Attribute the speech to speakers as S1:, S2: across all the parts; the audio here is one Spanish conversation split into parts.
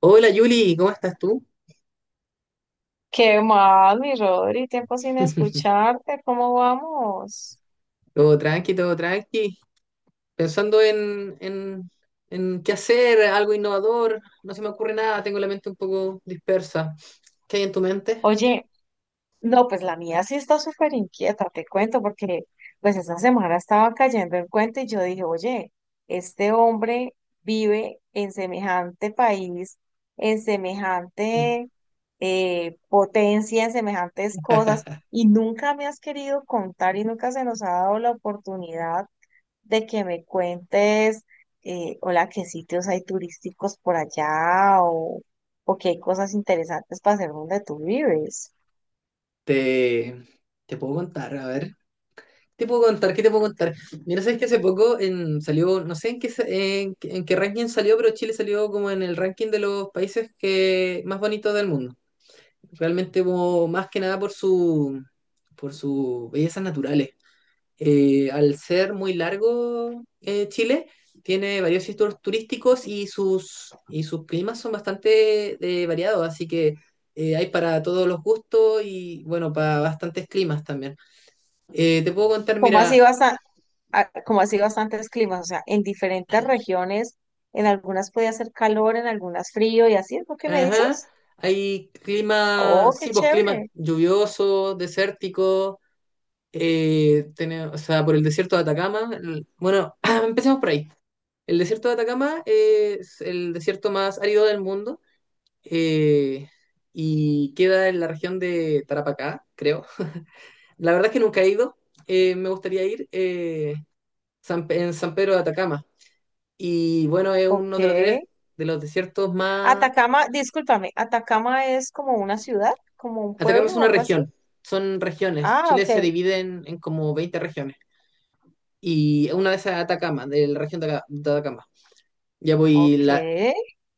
S1: Hola Yuli, ¿cómo estás tú?
S2: ¿Qué más, mi Rodri? Tiempo sin escucharte, ¿cómo vamos?
S1: Todo tranqui, todo tranqui. Pensando en qué hacer, algo innovador. No se me ocurre nada, tengo la mente un poco dispersa. ¿Qué hay en tu mente?
S2: Oye, no, pues la mía sí está súper inquieta, te cuento, porque pues esta semana estaba cayendo en cuenta y yo dije, oye, este hombre vive en semejante país, en semejante potencia, en semejantes cosas, y nunca me has querido contar y nunca se nos ha dado la oportunidad de que me cuentes, hola, qué sitios hay turísticos por allá o qué hay cosas interesantes para hacer donde tú vives.
S1: Te, te puedo contar, a ver. ¿Te puedo contar? ¿Qué te puedo contar? Mira, sabes que hace poco salió, no sé en qué, en qué ranking salió, pero Chile salió como en el ranking de los países que, más bonitos del mundo. Realmente como más que nada por por sus bellezas naturales. Al ser muy largo Chile, tiene varios sitios turísticos y y sus climas son bastante variados, así que hay para todos los gustos y bueno, para bastantes climas también. Te puedo contar,
S2: ¿Cómo
S1: mira,
S2: así basta- ¿Cómo así bastantes climas? O sea, en diferentes regiones, en algunas puede hacer calor, en algunas frío y así es lo que me
S1: ajá,
S2: dices.
S1: hay clima,
S2: Oh, qué
S1: sí, pues clima
S2: chévere.
S1: lluvioso, desértico, o sea, por el desierto de Atacama. Bueno, empecemos por ahí. El desierto de Atacama es el desierto más árido del mundo eh, y queda en la región de Tarapacá, creo. La verdad es que nunca he ido, me gustaría ir en San Pedro de Atacama. Y bueno, es
S2: Ok.
S1: uno de de los desiertos más...
S2: Atacama, discúlpame, ¿Atacama es como una ciudad, como un
S1: Atacama es
S2: pueblo o
S1: una
S2: algo así?
S1: región, son regiones.
S2: Ah,
S1: Chile
S2: ok.
S1: se divide en como 20 regiones. Y una de esas es Atacama, de la región de Atacama. Ya voy,
S2: Ok.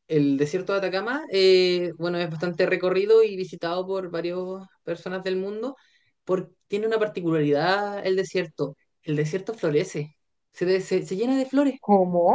S1: el desierto de Atacama, bueno, es bastante recorrido y visitado por varias personas del mundo, porque tiene una particularidad el desierto. El desierto florece, se llena de flores.
S2: ¿Cómo?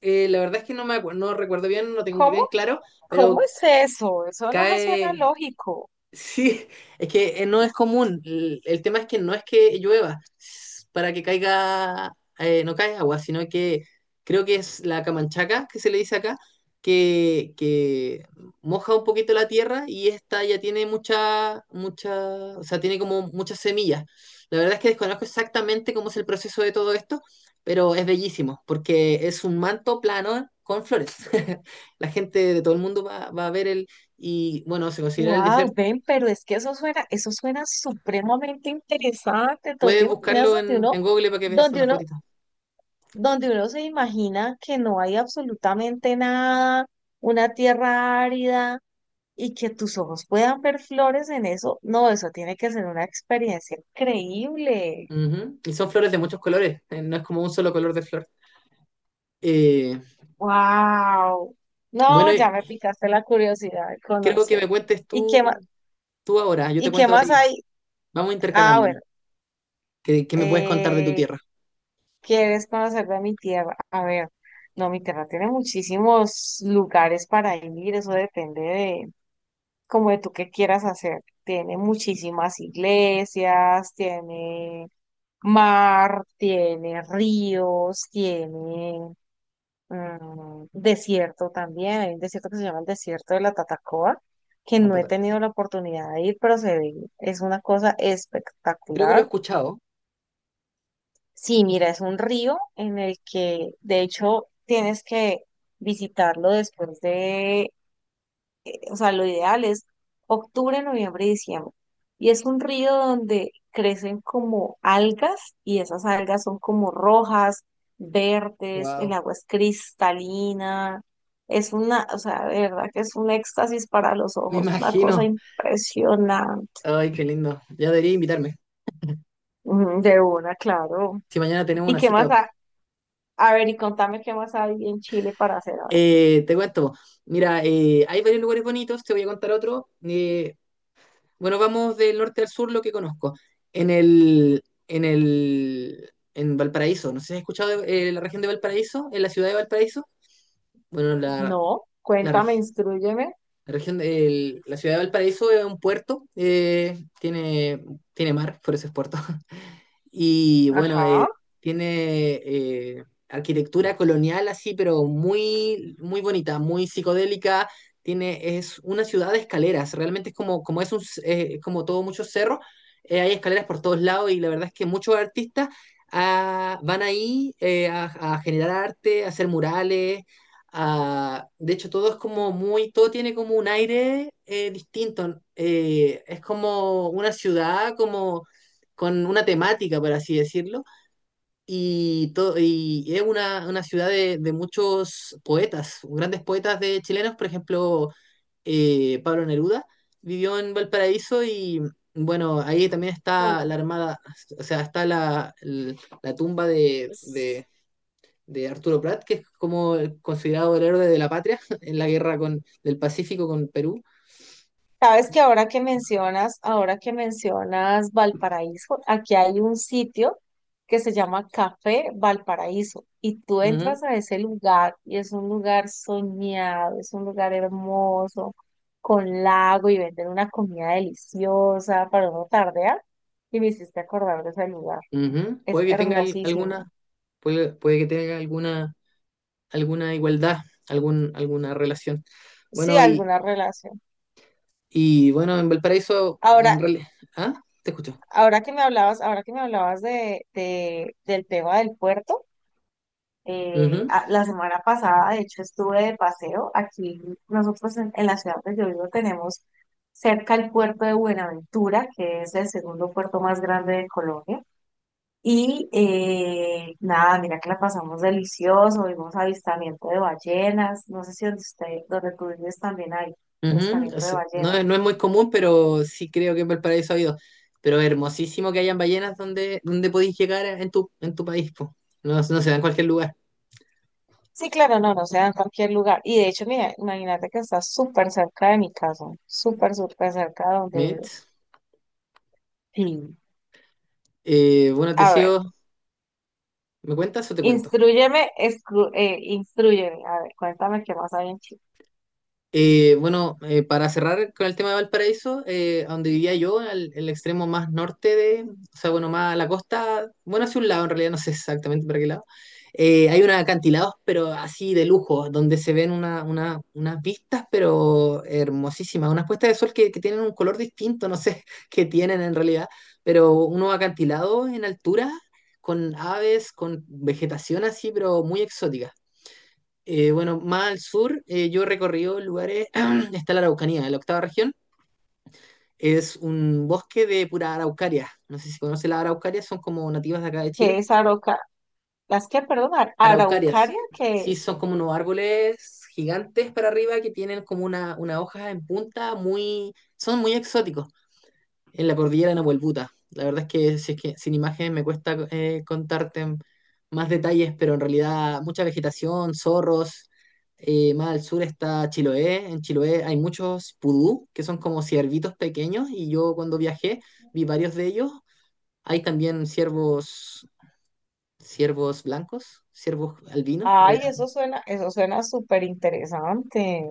S1: La verdad es que no recuerdo bien, no lo tengo
S2: ¿Cómo?
S1: bien claro,
S2: ¿Cómo
S1: pero
S2: es eso? Eso no me suena
S1: cae,
S2: lógico.
S1: sí, es que no es común. El tema es que no es que para que caiga, no cae agua, sino que creo que es la camanchaca que se le dice acá, que moja un poquito la tierra y esta ya tiene mucha, o sea, tiene como muchas semillas. La verdad es que desconozco exactamente cómo es el proceso de todo esto, pero es bellísimo porque es un manto plano con flores. La gente de todo el mundo va a ver el, y bueno, se considera el
S2: Wow,
S1: desierto.
S2: ven, pero es que eso suena supremamente interesante. ¿Tú te
S1: Puedes
S2: imaginas
S1: buscarlo
S2: donde uno,
S1: en Google para que veas
S2: donde
S1: una
S2: uno,
S1: fotito.
S2: donde uno se imagina que no hay absolutamente nada, una tierra árida y que tus ojos puedan ver flores en eso? No, eso tiene que ser una experiencia increíble.
S1: Ujú. Y son flores de muchos colores, no es como un solo color de flor. Eh,
S2: Wow.
S1: bueno,
S2: No,
S1: eh,
S2: ya me picaste la curiosidad de
S1: Creo que me
S2: conocer.
S1: cuentes
S2: ¿Y qué más,
S1: tú, tú ahora, yo te
S2: ¿y qué
S1: cuento de
S2: más
S1: ahí.
S2: hay?
S1: Vamos
S2: Ah,
S1: intercalándonos.
S2: bueno.
S1: ¿Qué me puedes contar de tu
S2: Eh,
S1: tierra?
S2: ¿Quieres conocer de mi tierra? A ver, no, mi tierra tiene muchísimos lugares para ir, eso depende de como de tú qué quieras hacer. Tiene muchísimas iglesias, tiene mar, tiene ríos, tiene desierto también. Hay un desierto que se llama el desierto de la Tatacoa, que
S1: La
S2: no he
S1: pata-
S2: tenido la oportunidad de ir, pero se ve, es una cosa
S1: Creo que lo he
S2: espectacular.
S1: escuchado.
S2: Sí, mira, es un río en el que de hecho tienes que visitarlo después de, o sea, lo ideal es octubre, noviembre y diciembre. Y es un río donde crecen como algas y esas algas son como rojas, verdes, el
S1: Wow,
S2: agua es cristalina. Es una, o sea, de verdad que es un éxtasis para los
S1: me
S2: ojos, una cosa
S1: imagino.
S2: impresionante.
S1: Ay, qué lindo. Ya debería invitarme.
S2: Mm, de una, claro.
S1: Si mañana tenemos
S2: ¿Y
S1: una
S2: qué
S1: cita.
S2: más? Ah, a ver, y contame qué más hay en Chile para hacer ahora.
S1: Te cuento. Mira, hay varios lugares bonitos, te voy a contar otro. Bueno, vamos del norte al sur, lo que conozco. En Valparaíso, no sé si has escuchado la región de Valparaíso, en la ciudad de Valparaíso. Bueno,
S2: No,
S1: la,
S2: cuéntame,
S1: reg-
S2: instrúyeme.
S1: la región la ciudad de Valparaíso es un puerto, tiene mar, por eso es puerto. Y bueno,
S2: Ajá.
S1: tiene arquitectura colonial así, pero muy bonita, muy psicodélica. Es una ciudad de escaleras, realmente es como, como es es como todo muchos cerros, hay escaleras por todos lados y la verdad es que muchos artistas van ahí a generar arte, a hacer murales. Ah, de hecho, todo es como muy, todo tiene como un aire distinto. Es como una ciudad, como con una temática, por así decirlo. Y es una ciudad de muchos poetas, grandes poetas de chilenos. Por ejemplo, Pablo Neruda vivió en Valparaíso y bueno, ahí también está
S2: Oh,
S1: la armada, o sea, está la, la tumba
S2: s-
S1: de Arturo Prat, que es como considerado el héroe de la patria en la guerra con, del Pacífico con Perú.
S2: Sabes que ahora que mencionas Valparaíso, aquí hay un sitio que se llama Café Valparaíso y tú
S1: Uh -huh,
S2: entras a ese lugar y es un lugar soñado, es un lugar hermoso, con lago y venden una comida deliciosa para uno tardear y me hiciste acordar de ese lugar.
S1: uh -huh.
S2: Es hermosísimo.
S1: Puede, puede, que tenga alguna, alguna igualdad, alguna relación.
S2: Sí,
S1: Bueno,
S2: alguna relación.
S1: y bueno, en Valparaíso,
S2: Ahora,
S1: en realidad. ¿Ah? Te escucho.
S2: ahora que me hablabas, del tema del puerto,
S1: Uh -huh,
S2: la semana pasada, de hecho, estuve de paseo. Aquí nosotros en la ciudad donde yo vivo tenemos cerca el puerto de Buenaventura, que es el segundo puerto más grande de Colombia. Y nada, mira que la pasamos delicioso, vimos avistamiento de ballenas, no sé si donde usted, donde tú vives también hay avistamiento de
S1: es, no,
S2: ballenas.
S1: es, no es muy común, pero sí creo que en Valparaíso ha habido. Pero es hermosísimo que hayan ballenas donde, donde podéis llegar en tu país, po. No, no se da en cualquier lugar.
S2: Sí, claro, no, no se da en cualquier lugar. Y de hecho, mira, imagínate que está súper cerca de mi casa, súper, súper cerca de donde vivo.
S1: ¿Mitch?
S2: Sí.
S1: Bueno,
S2: A ver,
S1: Teseo, ¿me cuentas o te cuento?
S2: instrúyeme, a ver, cuéntame qué más hay en Chile.
S1: Bueno, para cerrar con el tema de Valparaíso, a donde vivía yo, al, el extremo más norte de, o sea, bueno, más a la costa, bueno, hacia un lado en realidad, no sé exactamente para qué lado, hay unos acantilados, pero así de lujo, donde se ven unas vistas, pero hermosísimas, unas puestas de sol que tienen un color distinto, no sé qué tienen en realidad, pero unos acantilados en altura, con aves, con vegetación así, pero muy exótica. Bueno, más al sur, yo he recorrido lugares, está la Araucanía, la octava región, es un bosque de pura araucaria. No sé si conoce las araucarias, son como nativas de acá de
S2: ¿Qué
S1: Chile.
S2: es Arauca? ¿Las que, perdón,
S1: Araucarias,
S2: Araucaria? ¿Qué
S1: sí,
S2: es?
S1: son como unos árboles gigantes para arriba que tienen como una hoja en punta, muy, son muy exóticos. En la cordillera de Nahuelbuta. La verdad es que, si es que sin imágenes me cuesta contarte más detalles, pero en realidad mucha vegetación, zorros. Más al sur está Chiloé. En Chiloé hay muchos pudú, que son como ciervitos pequeños, y yo cuando viajé vi varios de ellos. Hay también ciervos, ciervos blancos, ciervos albinos, en
S2: Ay,
S1: realidad.
S2: eso suena súper interesante.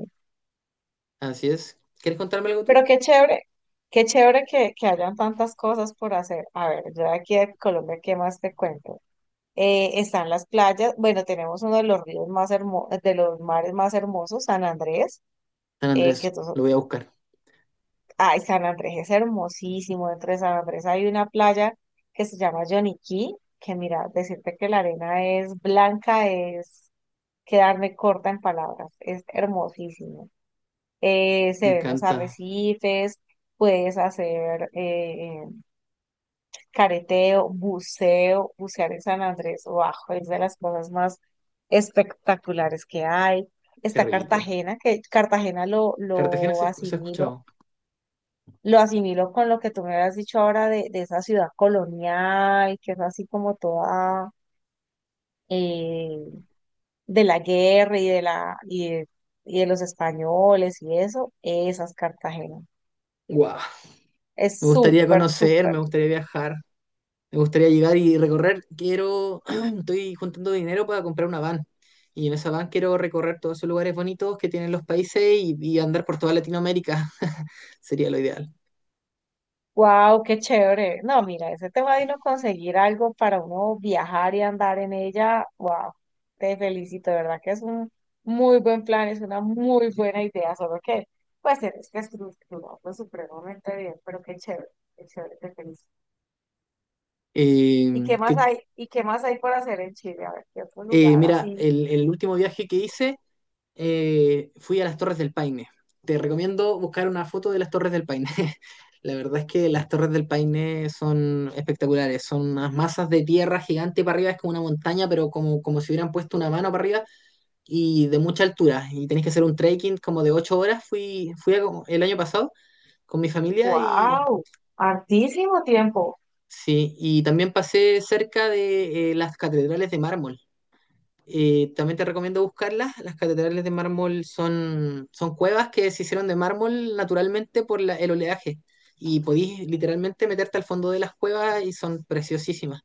S1: Así es. ¿Quieres contarme algo tú?
S2: Pero qué chévere que hayan tantas cosas por hacer. A ver, yo de aquí de Colombia, ¿qué más te cuento? Están las playas, bueno, tenemos uno de los ríos más hermosos, de los mares más hermosos, San Andrés,
S1: San
S2: eh,
S1: Andrés,
S2: que to-
S1: lo voy a buscar.
S2: ay, San Andrés es hermosísimo, dentro de San Andrés hay una playa que se llama Yoniquí, que mira, decirte que la arena es blanca es quedarme corta en palabras, es hermosísimo.
S1: Me
S2: Se ven los
S1: encanta.
S2: arrecifes, puedes hacer careteo, buceo, bucear en San Andrés, bajo, es de las cosas más espectaculares que hay.
S1: Qué
S2: Está
S1: rico.
S2: Cartagena, que Cartagena
S1: Se ha escuchado.
S2: lo asimilo con lo que tú me has dicho ahora de esa ciudad colonial, que es así como toda eh, de la guerra y de la y de los españoles y eso, esas Cartagena.
S1: ¡Guau! Me
S2: Es
S1: gustaría
S2: súper,
S1: conocer,
S2: súper.
S1: me gustaría viajar, me gustaría llegar y recorrer. Quiero, estoy juntando dinero para comprar una van. Y en esa van quiero recorrer todos esos lugares bonitos que tienen los países y andar por toda Latinoamérica. Sería lo ideal.
S2: Wow, qué chévere. No, mira, ese tema de uno conseguir algo para uno viajar y andar en ella, wow, te felicito, de verdad que es un muy buen plan, es una muy buena idea, solo que pues tienes que estructurarlo supremamente bien, pero qué chévere, te felicito. ¿Y
S1: Eh,
S2: qué más
S1: que-
S2: hay? ¿Y qué más hay por hacer en Chile? A ver, qué otro lugar
S1: Mira,
S2: así.
S1: el último viaje que hice fui a las Torres del Paine. Te recomiendo buscar una foto de las Torres del Paine. La verdad es que las Torres del Paine son espectaculares, son unas masas de tierra gigante para arriba, es como una montaña, pero como, como si hubieran puesto una mano para arriba y de mucha altura. Y tenés que hacer un trekking como de 8 horas. Fui el año pasado con mi familia y
S2: Wow, hartísimo tiempo.
S1: sí, y también pasé cerca de las catedrales de mármol. Y también te recomiendo buscarlas. Las catedrales de mármol son, son cuevas que se hicieron de mármol naturalmente por el oleaje. Y podís literalmente meterte al fondo de las cuevas y son preciosísimas.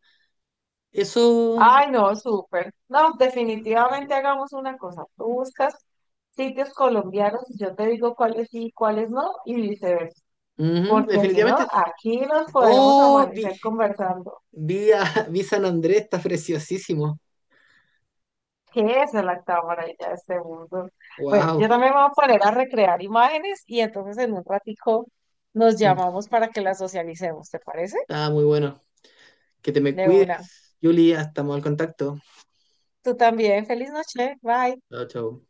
S1: Eso,
S2: Ay, no, súper. No, definitivamente hagamos una cosa. Tú buscas sitios colombianos y yo te digo cuáles sí y cuáles no y viceversa.
S1: ujú,
S2: Porque si no,
S1: definitivamente.
S2: aquí nos podemos
S1: Oh,
S2: amanecer conversando.
S1: vi San Andrés, está preciosísimo.
S2: ¿Qué es la maravilla de este mundo? Pues yo
S1: Wow,
S2: también me voy a poner a recrear imágenes y entonces en un ratico nos llamamos para que las socialicemos, ¿te parece?
S1: está muy bueno. Que te me
S2: De
S1: cuides,
S2: una.
S1: Julia, estamos al contacto.
S2: Tú también. Feliz noche. Bye.
S1: Chao, chao.